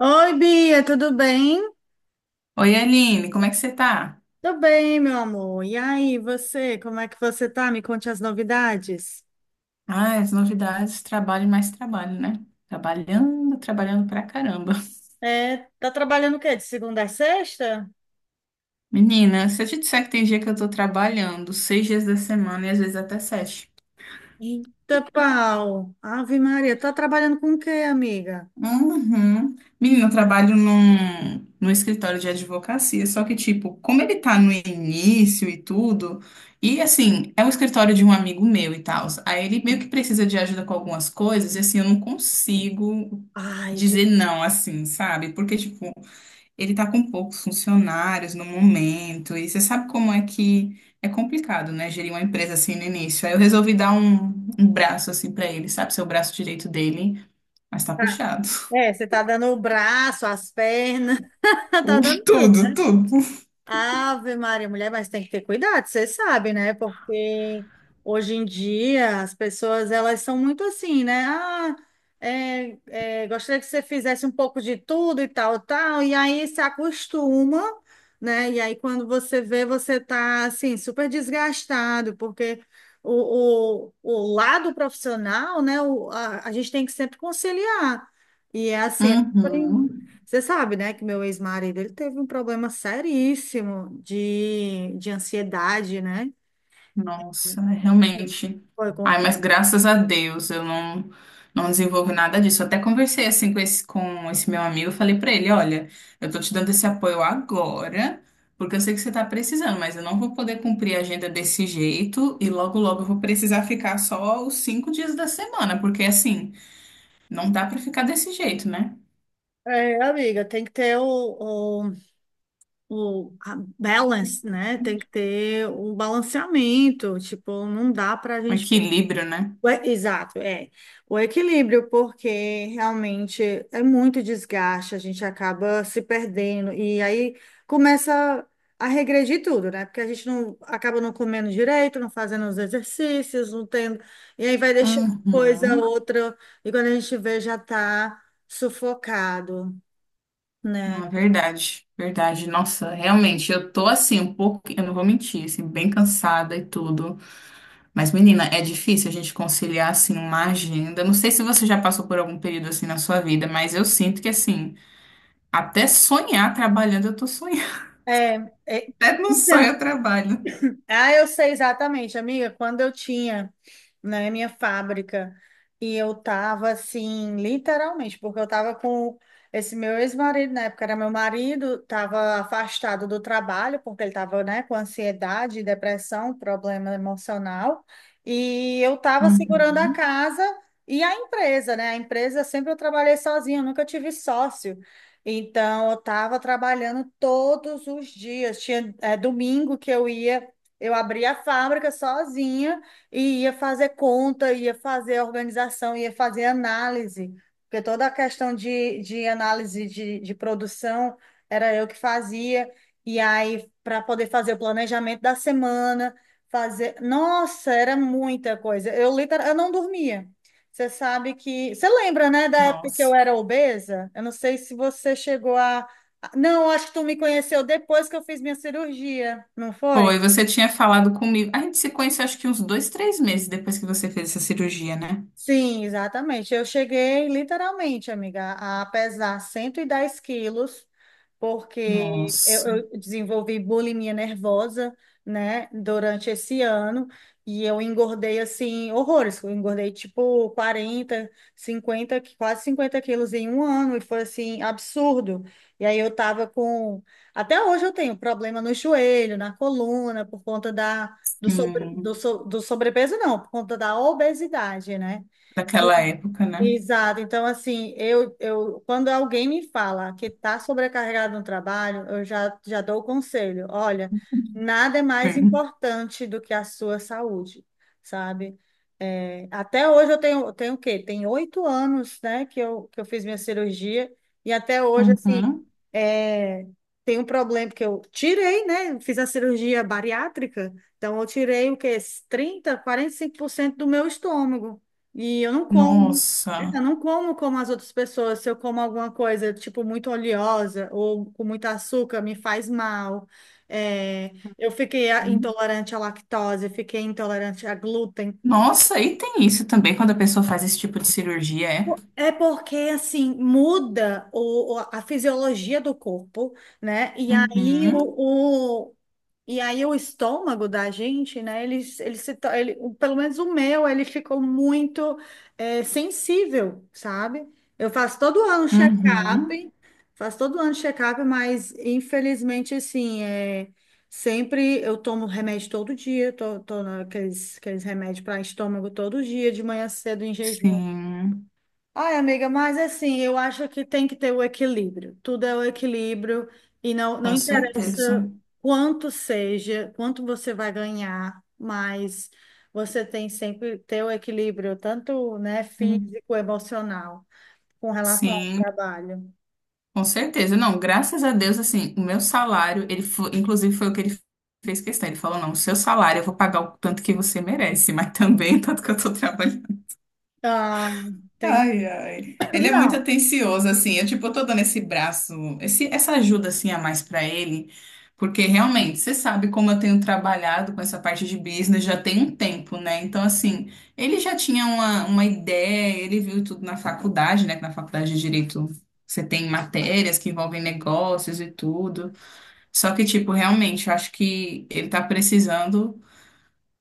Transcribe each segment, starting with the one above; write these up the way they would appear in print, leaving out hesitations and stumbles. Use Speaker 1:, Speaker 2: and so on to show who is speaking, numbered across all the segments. Speaker 1: Oi, Bia, tudo bem?
Speaker 2: Oi, Aline, como é que você tá?
Speaker 1: Tudo bem, meu amor. E aí, você, como é que você tá? Me conte as novidades.
Speaker 2: Ah, as novidades, trabalho e mais trabalho, né? Trabalhando, trabalhando pra caramba.
Speaker 1: É, tá trabalhando o quê? De segunda a sexta?
Speaker 2: Menina, se eu te disser que tem dia que eu tô trabalhando 6 dias da semana e às vezes até 7.
Speaker 1: Eita, pau. Ave Maria, tá trabalhando com o quê, amiga?
Speaker 2: Uhum. Menina, eu trabalho num escritório de advocacia, só que, tipo, como ele tá no início e tudo, e assim, é um escritório de um amigo meu e tal, aí ele meio que precisa de ajuda com algumas coisas, e assim, eu não consigo
Speaker 1: Ai, gente.
Speaker 2: dizer não, assim, sabe? Porque, tipo, ele está com poucos funcionários no momento, e você sabe como é que é complicado, né? Gerir uma empresa assim no início. Aí eu resolvi dar um braço assim para ele, sabe? Ser o braço direito dele, mas tá
Speaker 1: tá-
Speaker 2: puxado.
Speaker 1: É, você tá dando o braço, as pernas, tá
Speaker 2: O-
Speaker 1: dando tudo.
Speaker 2: Tudo, tudo.
Speaker 1: Ave Maria, mulher, mas tem que ter cuidado, você sabe, né? Porque hoje em dia as pessoas elas são muito assim, né? Ah, é, é, gostaria que você fizesse um pouco de tudo e tal, tal, e aí se acostuma, né? E aí quando você vê, você tá assim, super desgastado, porque o lado profissional, né? A gente tem que sempre conciliar. E é assim,
Speaker 2: Uhum.
Speaker 1: você sabe, né, que meu ex-marido, ele teve um problema seríssimo de ansiedade, né?
Speaker 2: Nossa, é realmente.
Speaker 1: Foi
Speaker 2: Ai,
Speaker 1: contra...
Speaker 2: mas graças a Deus eu não, não desenvolvi nada disso. Eu até conversei assim com com esse meu amigo, eu falei pra ele, olha, eu tô te dando esse apoio agora, porque eu sei que você tá precisando, mas eu não vou poder cumprir a agenda desse jeito e logo logo eu vou precisar ficar só os 5 dias da semana, porque assim, não dá pra ficar desse jeito, né?
Speaker 1: É, amiga, tem que ter o a balance, né? Tem que ter o balanceamento. Tipo, não dá pra
Speaker 2: Um
Speaker 1: gente.
Speaker 2: equilíbrio, né?
Speaker 1: Exato, é. O equilíbrio, porque realmente é muito desgaste, a gente acaba se perdendo e aí começa a regredir tudo, né? Porque a gente não acaba não comendo direito, não fazendo os exercícios, não tendo, e aí vai deixando coisa
Speaker 2: Uhum.
Speaker 1: outra, e quando a gente vê já tá sufocado, né?
Speaker 2: Não, é verdade, verdade. Nossa, realmente, eu tô assim, um pouco, eu não vou mentir, assim, bem cansada e tudo. Mas, menina, é difícil a gente conciliar, assim, uma agenda. Não sei se você já passou por algum período assim na sua vida, mas eu sinto que, assim, até sonhar trabalhando, eu tô sonhando.
Speaker 1: É, é,
Speaker 2: Até no
Speaker 1: então,
Speaker 2: sonho eu trabalho.
Speaker 1: ah, eu sei exatamente, amiga. Quando eu tinha, né, minha fábrica e eu tava assim, literalmente, porque eu tava com esse meu ex-marido, na época era meu marido, tava afastado do trabalho, porque ele tava, né, com ansiedade, depressão, problema emocional, e eu tava segurando a
Speaker 2: Uhum.
Speaker 1: casa e a empresa, né? A empresa sempre eu trabalhei sozinha, eu nunca tive sócio. Então, eu estava trabalhando todos os dias. Tinha, domingo que eu abri a fábrica sozinha e ia fazer conta, ia fazer organização, ia fazer análise, porque toda a questão de análise de produção era eu que fazia, e aí para poder fazer o planejamento da semana, fazer. Nossa, era muita coisa. Eu, literal, eu não dormia. Você sabe que. Você lembra, né, da época que eu
Speaker 2: Nossa.
Speaker 1: era obesa? Eu não sei se você chegou a. Não, acho que tu me conheceu depois que eu fiz minha cirurgia, não
Speaker 2: Pô,
Speaker 1: foi?
Speaker 2: você tinha falado comigo. A gente se conheceu, acho que uns 2, 3 meses depois que você fez essa cirurgia, né?
Speaker 1: Sim, exatamente. Eu cheguei literalmente, amiga, a pesar 110 quilos, porque eu,
Speaker 2: Nossa.
Speaker 1: eu desenvolvi bulimia nervosa, né, durante esse ano, e eu engordei assim, horrores. Eu engordei tipo quase 50 quilos em um ano, e foi assim, absurdo. E aí eu tava com. Até hoje eu tenho problema no joelho, na coluna, por conta da. Do, sobre, do,
Speaker 2: Hum,
Speaker 1: so- do sobrepeso, não, por conta da obesidade, né? Me
Speaker 2: daquela época, né?
Speaker 1: Exato. Então, assim, eu quando alguém me fala que está sobrecarregado no trabalho, eu já dou o conselho. Olha, nada é mais
Speaker 2: Sim.
Speaker 1: importante do que a sua saúde, sabe? É, até hoje eu tenho o quê? Tem 8 anos, né, que eu fiz minha cirurgia e até hoje, assim,
Speaker 2: Uhum.
Speaker 1: é, tem um problema que eu tirei, né? Fiz a cirurgia bariátrica, então eu tirei o quê? Trinta, 45% do meu estômago. E eu não como. É, eu
Speaker 2: Nossa.
Speaker 1: não como como as outras pessoas. Se eu como alguma coisa, tipo, muito oleosa ou com muito açúcar, me faz mal. É, eu fiquei intolerante à lactose, fiquei intolerante a glúten.
Speaker 2: Nossa, e tem isso também quando a pessoa faz esse tipo de cirurgia, é?
Speaker 1: É porque, assim, muda a fisiologia do corpo, né?
Speaker 2: Uhum,
Speaker 1: E aí o estômago da gente, né? Ele se, to- ele, o- pelo menos o meu, ele ficou muito sensível, sabe? Eu faço todo ano
Speaker 2: uhum,
Speaker 1: check-up, mas infelizmente assim, sempre eu tomo remédio todo dia, tô aqueles remédios para estômago todo dia, de manhã cedo em jejum.
Speaker 2: sim,
Speaker 1: Ai, amiga, mas assim, eu acho que tem que ter o equilíbrio. Tudo é o equilíbrio e não, não
Speaker 2: com certeza.
Speaker 1: interessa quanto seja, quanto você vai ganhar, mas você tem sempre que ter o equilíbrio, tanto, né,
Speaker 2: Hum,
Speaker 1: físico, emocional, com relação ao
Speaker 2: Sim,
Speaker 1: trabalho.
Speaker 2: com certeza. Não, graças a Deus, assim, o meu salário, ele foi, inclusive foi o que ele fez questão. Ele falou, não, o seu salário eu vou pagar o tanto que você merece, mas também o tanto que eu tô trabalhando.
Speaker 1: Ah, tem.
Speaker 2: Ai, ai. Ele é muito
Speaker 1: Não.
Speaker 2: atencioso, assim. Eu, tipo, eu tô dando esse braço, essa ajuda, assim, a mais pra ele, porque realmente, você sabe como eu tenho trabalhado com essa parte de business já tem um tempo, né? Então, assim, ele já tinha uma ideia, ele viu tudo na faculdade, né? Que na faculdade de Direito você tem matérias que envolvem negócios e tudo. Só que, tipo, realmente, eu acho que ele tá precisando.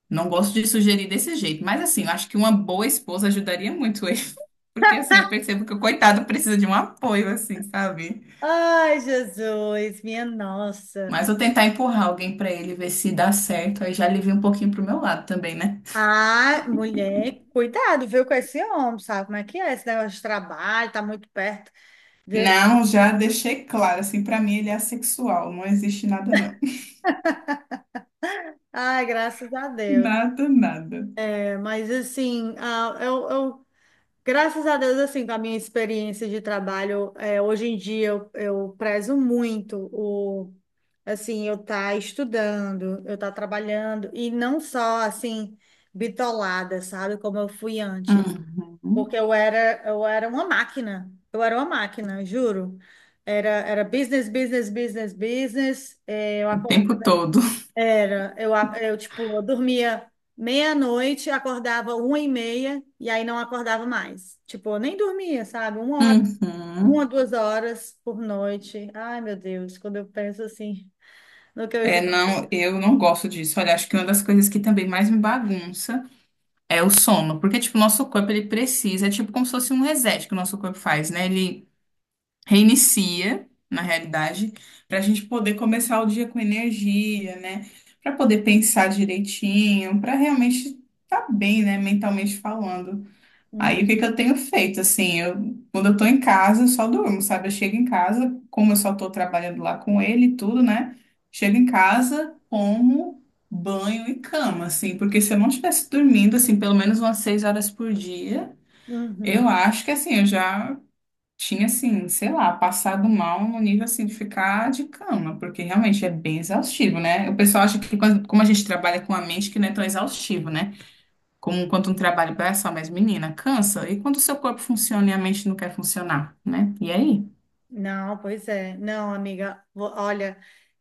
Speaker 2: Não gosto de sugerir desse jeito, mas assim, eu acho que uma boa esposa ajudaria muito ele. Porque assim, eu percebo que o coitado precisa de um apoio, assim, sabe?
Speaker 1: Ai, Jesus, minha nossa.
Speaker 2: Mas eu tentar empurrar alguém pra ele, ver se dá certo, aí já alivia um pouquinho pro meu lado também, né?
Speaker 1: Ah, mulher, cuidado, viu, com esse homem, sabe como é que é esse negócio de trabalho, tá muito perto.
Speaker 2: Não, já deixei claro, assim, pra mim ele é assexual, não existe nada não.
Speaker 1: Ai, graças a Deus.
Speaker 2: Nada, nada.
Speaker 1: É, mas assim, graças a Deus, assim, com a minha experiência de trabalho, hoje em dia eu prezo muito assim, eu estar estudando, eu estar trabalhando, e não só, assim, bitolada, sabe, como eu fui antes. Porque
Speaker 2: Uhum.
Speaker 1: eu era uma máquina, eu era uma máquina, juro. Era, business, business, business, business. É, eu
Speaker 2: O
Speaker 1: acordava
Speaker 2: tempo todo.
Speaker 1: Era, eu, a- eu tipo, eu dormia meia-noite, acordava uma e meia, e aí não acordava mais. Tipo, eu nem dormia, sabe? Uma hora, uma,
Speaker 2: Uhum.
Speaker 1: 2 horas por noite. Ai, meu Deus, quando eu penso assim no que eu já.
Speaker 2: É, não, eu não gosto disso. Olha, acho que uma das coisas que também mais me bagunça. É o sono, porque tipo, o nosso corpo ele precisa, é tipo como se fosse um reset que o nosso corpo faz, né? Ele reinicia, na realidade, para a gente poder começar o dia com energia, né? Para poder pensar direitinho, para realmente estar tá bem, né, mentalmente falando. Aí o que que
Speaker 1: Uhum,
Speaker 2: eu tenho feito? Assim, eu, quando eu tô em casa, eu só durmo, sabe? Eu chego em casa, como eu só tô trabalhando lá com ele e tudo, né? Chego em casa, como banho e cama, assim, porque se eu não estivesse dormindo, assim, pelo menos umas 6 horas por dia,
Speaker 1: uhum.
Speaker 2: eu acho que, assim, eu já tinha, assim, sei lá, passado mal no nível, assim, de ficar de cama, porque realmente é bem exaustivo, né? O pessoal acha que quando- como a gente trabalha com a mente, que não é tão exaustivo, né? Como quando um trabalho braçal, mas menina, cansa. E quando o seu corpo funciona e a mente não quer funcionar, né? E aí?
Speaker 1: Não, pois é. Não, amiga, olha,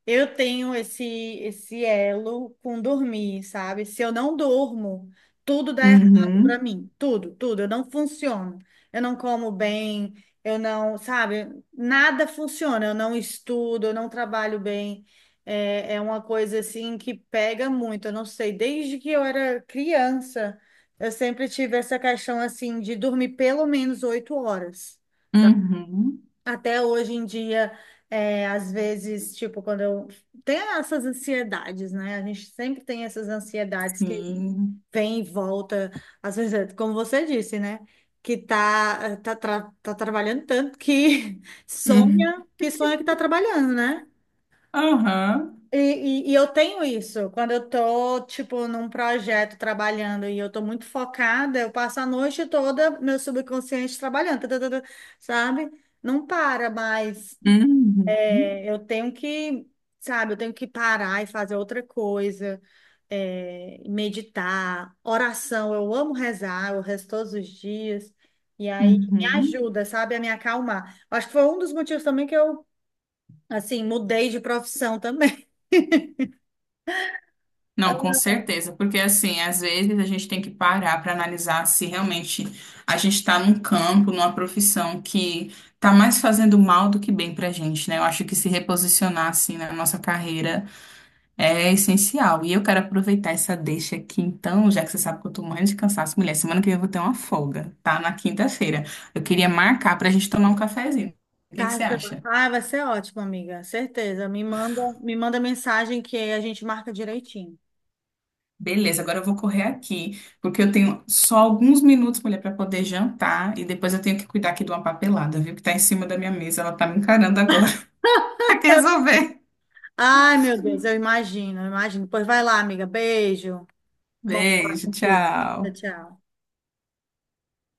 Speaker 1: eu tenho esse elo com dormir, sabe? Se eu não durmo, tudo dá errado para
Speaker 2: Uhum,
Speaker 1: mim, tudo, tudo, eu não funciono. Eu não como bem, eu não, sabe? Nada funciona, eu não estudo, eu não trabalho bem. É, é uma coisa assim que pega muito. Eu não sei, desde que eu era criança, eu sempre tive essa questão assim de dormir pelo menos 8 horas.
Speaker 2: uhum,
Speaker 1: Até hoje em dia, às vezes, tipo, quando eu tenho essas ansiedades, né? A gente sempre tem essas ansiedades que
Speaker 2: sim.
Speaker 1: vem e volta, às vezes, é como você disse, né? Que tá trabalhando tanto que
Speaker 2: Uhum,
Speaker 1: sonha que tá trabalhando, né?
Speaker 2: aham,
Speaker 1: E, e eu tenho isso, quando eu tô, tipo, num projeto trabalhando e eu tô muito focada, eu passo a noite toda, meu subconsciente trabalhando, tã, tã, tã, tã, sabe? Não para mais.
Speaker 2: uhum,
Speaker 1: Eu tenho que, sabe, eu tenho que parar e fazer outra coisa, meditar, oração. Eu amo rezar, eu rezo todos os dias. E aí me
Speaker 2: uhum.
Speaker 1: ajuda, sabe, a me acalmar. Acho que foi um dos motivos também que eu, assim, mudei de profissão também.
Speaker 2: Não, com certeza, porque assim, às vezes a gente tem que parar para analisar se realmente a gente está num campo, numa profissão que está mais fazendo mal do que bem pra gente, né? Eu acho que se reposicionar assim na nossa carreira é essencial. E eu quero aproveitar essa deixa aqui, então, já que você sabe que eu tô morrendo de cansaço, mulher. Semana que vem eu vou ter uma folga, tá? Na quinta-feira. Eu queria marcar pra gente tomar um cafezinho. O que que
Speaker 1: Tá,
Speaker 2: você
Speaker 1: Jô?
Speaker 2: acha?
Speaker 1: Ah, vai ser ótimo, amiga, certeza. Me manda mensagem que a gente marca direitinho.
Speaker 2: Beleza, agora eu vou correr aqui, porque eu tenho só alguns minutos, mulher, pra poder jantar. E depois eu tenho que cuidar aqui de uma papelada, viu? Que tá em cima da minha mesa. Ela tá me encarando agora. Tem que resolver.
Speaker 1: Ai, meu Deus, eu imagino, eu imagino. Pois vai lá, amiga. Beijo. Bom falar
Speaker 2: Beijo,
Speaker 1: contigo. Tchau,
Speaker 2: tchau.
Speaker 1: tchau.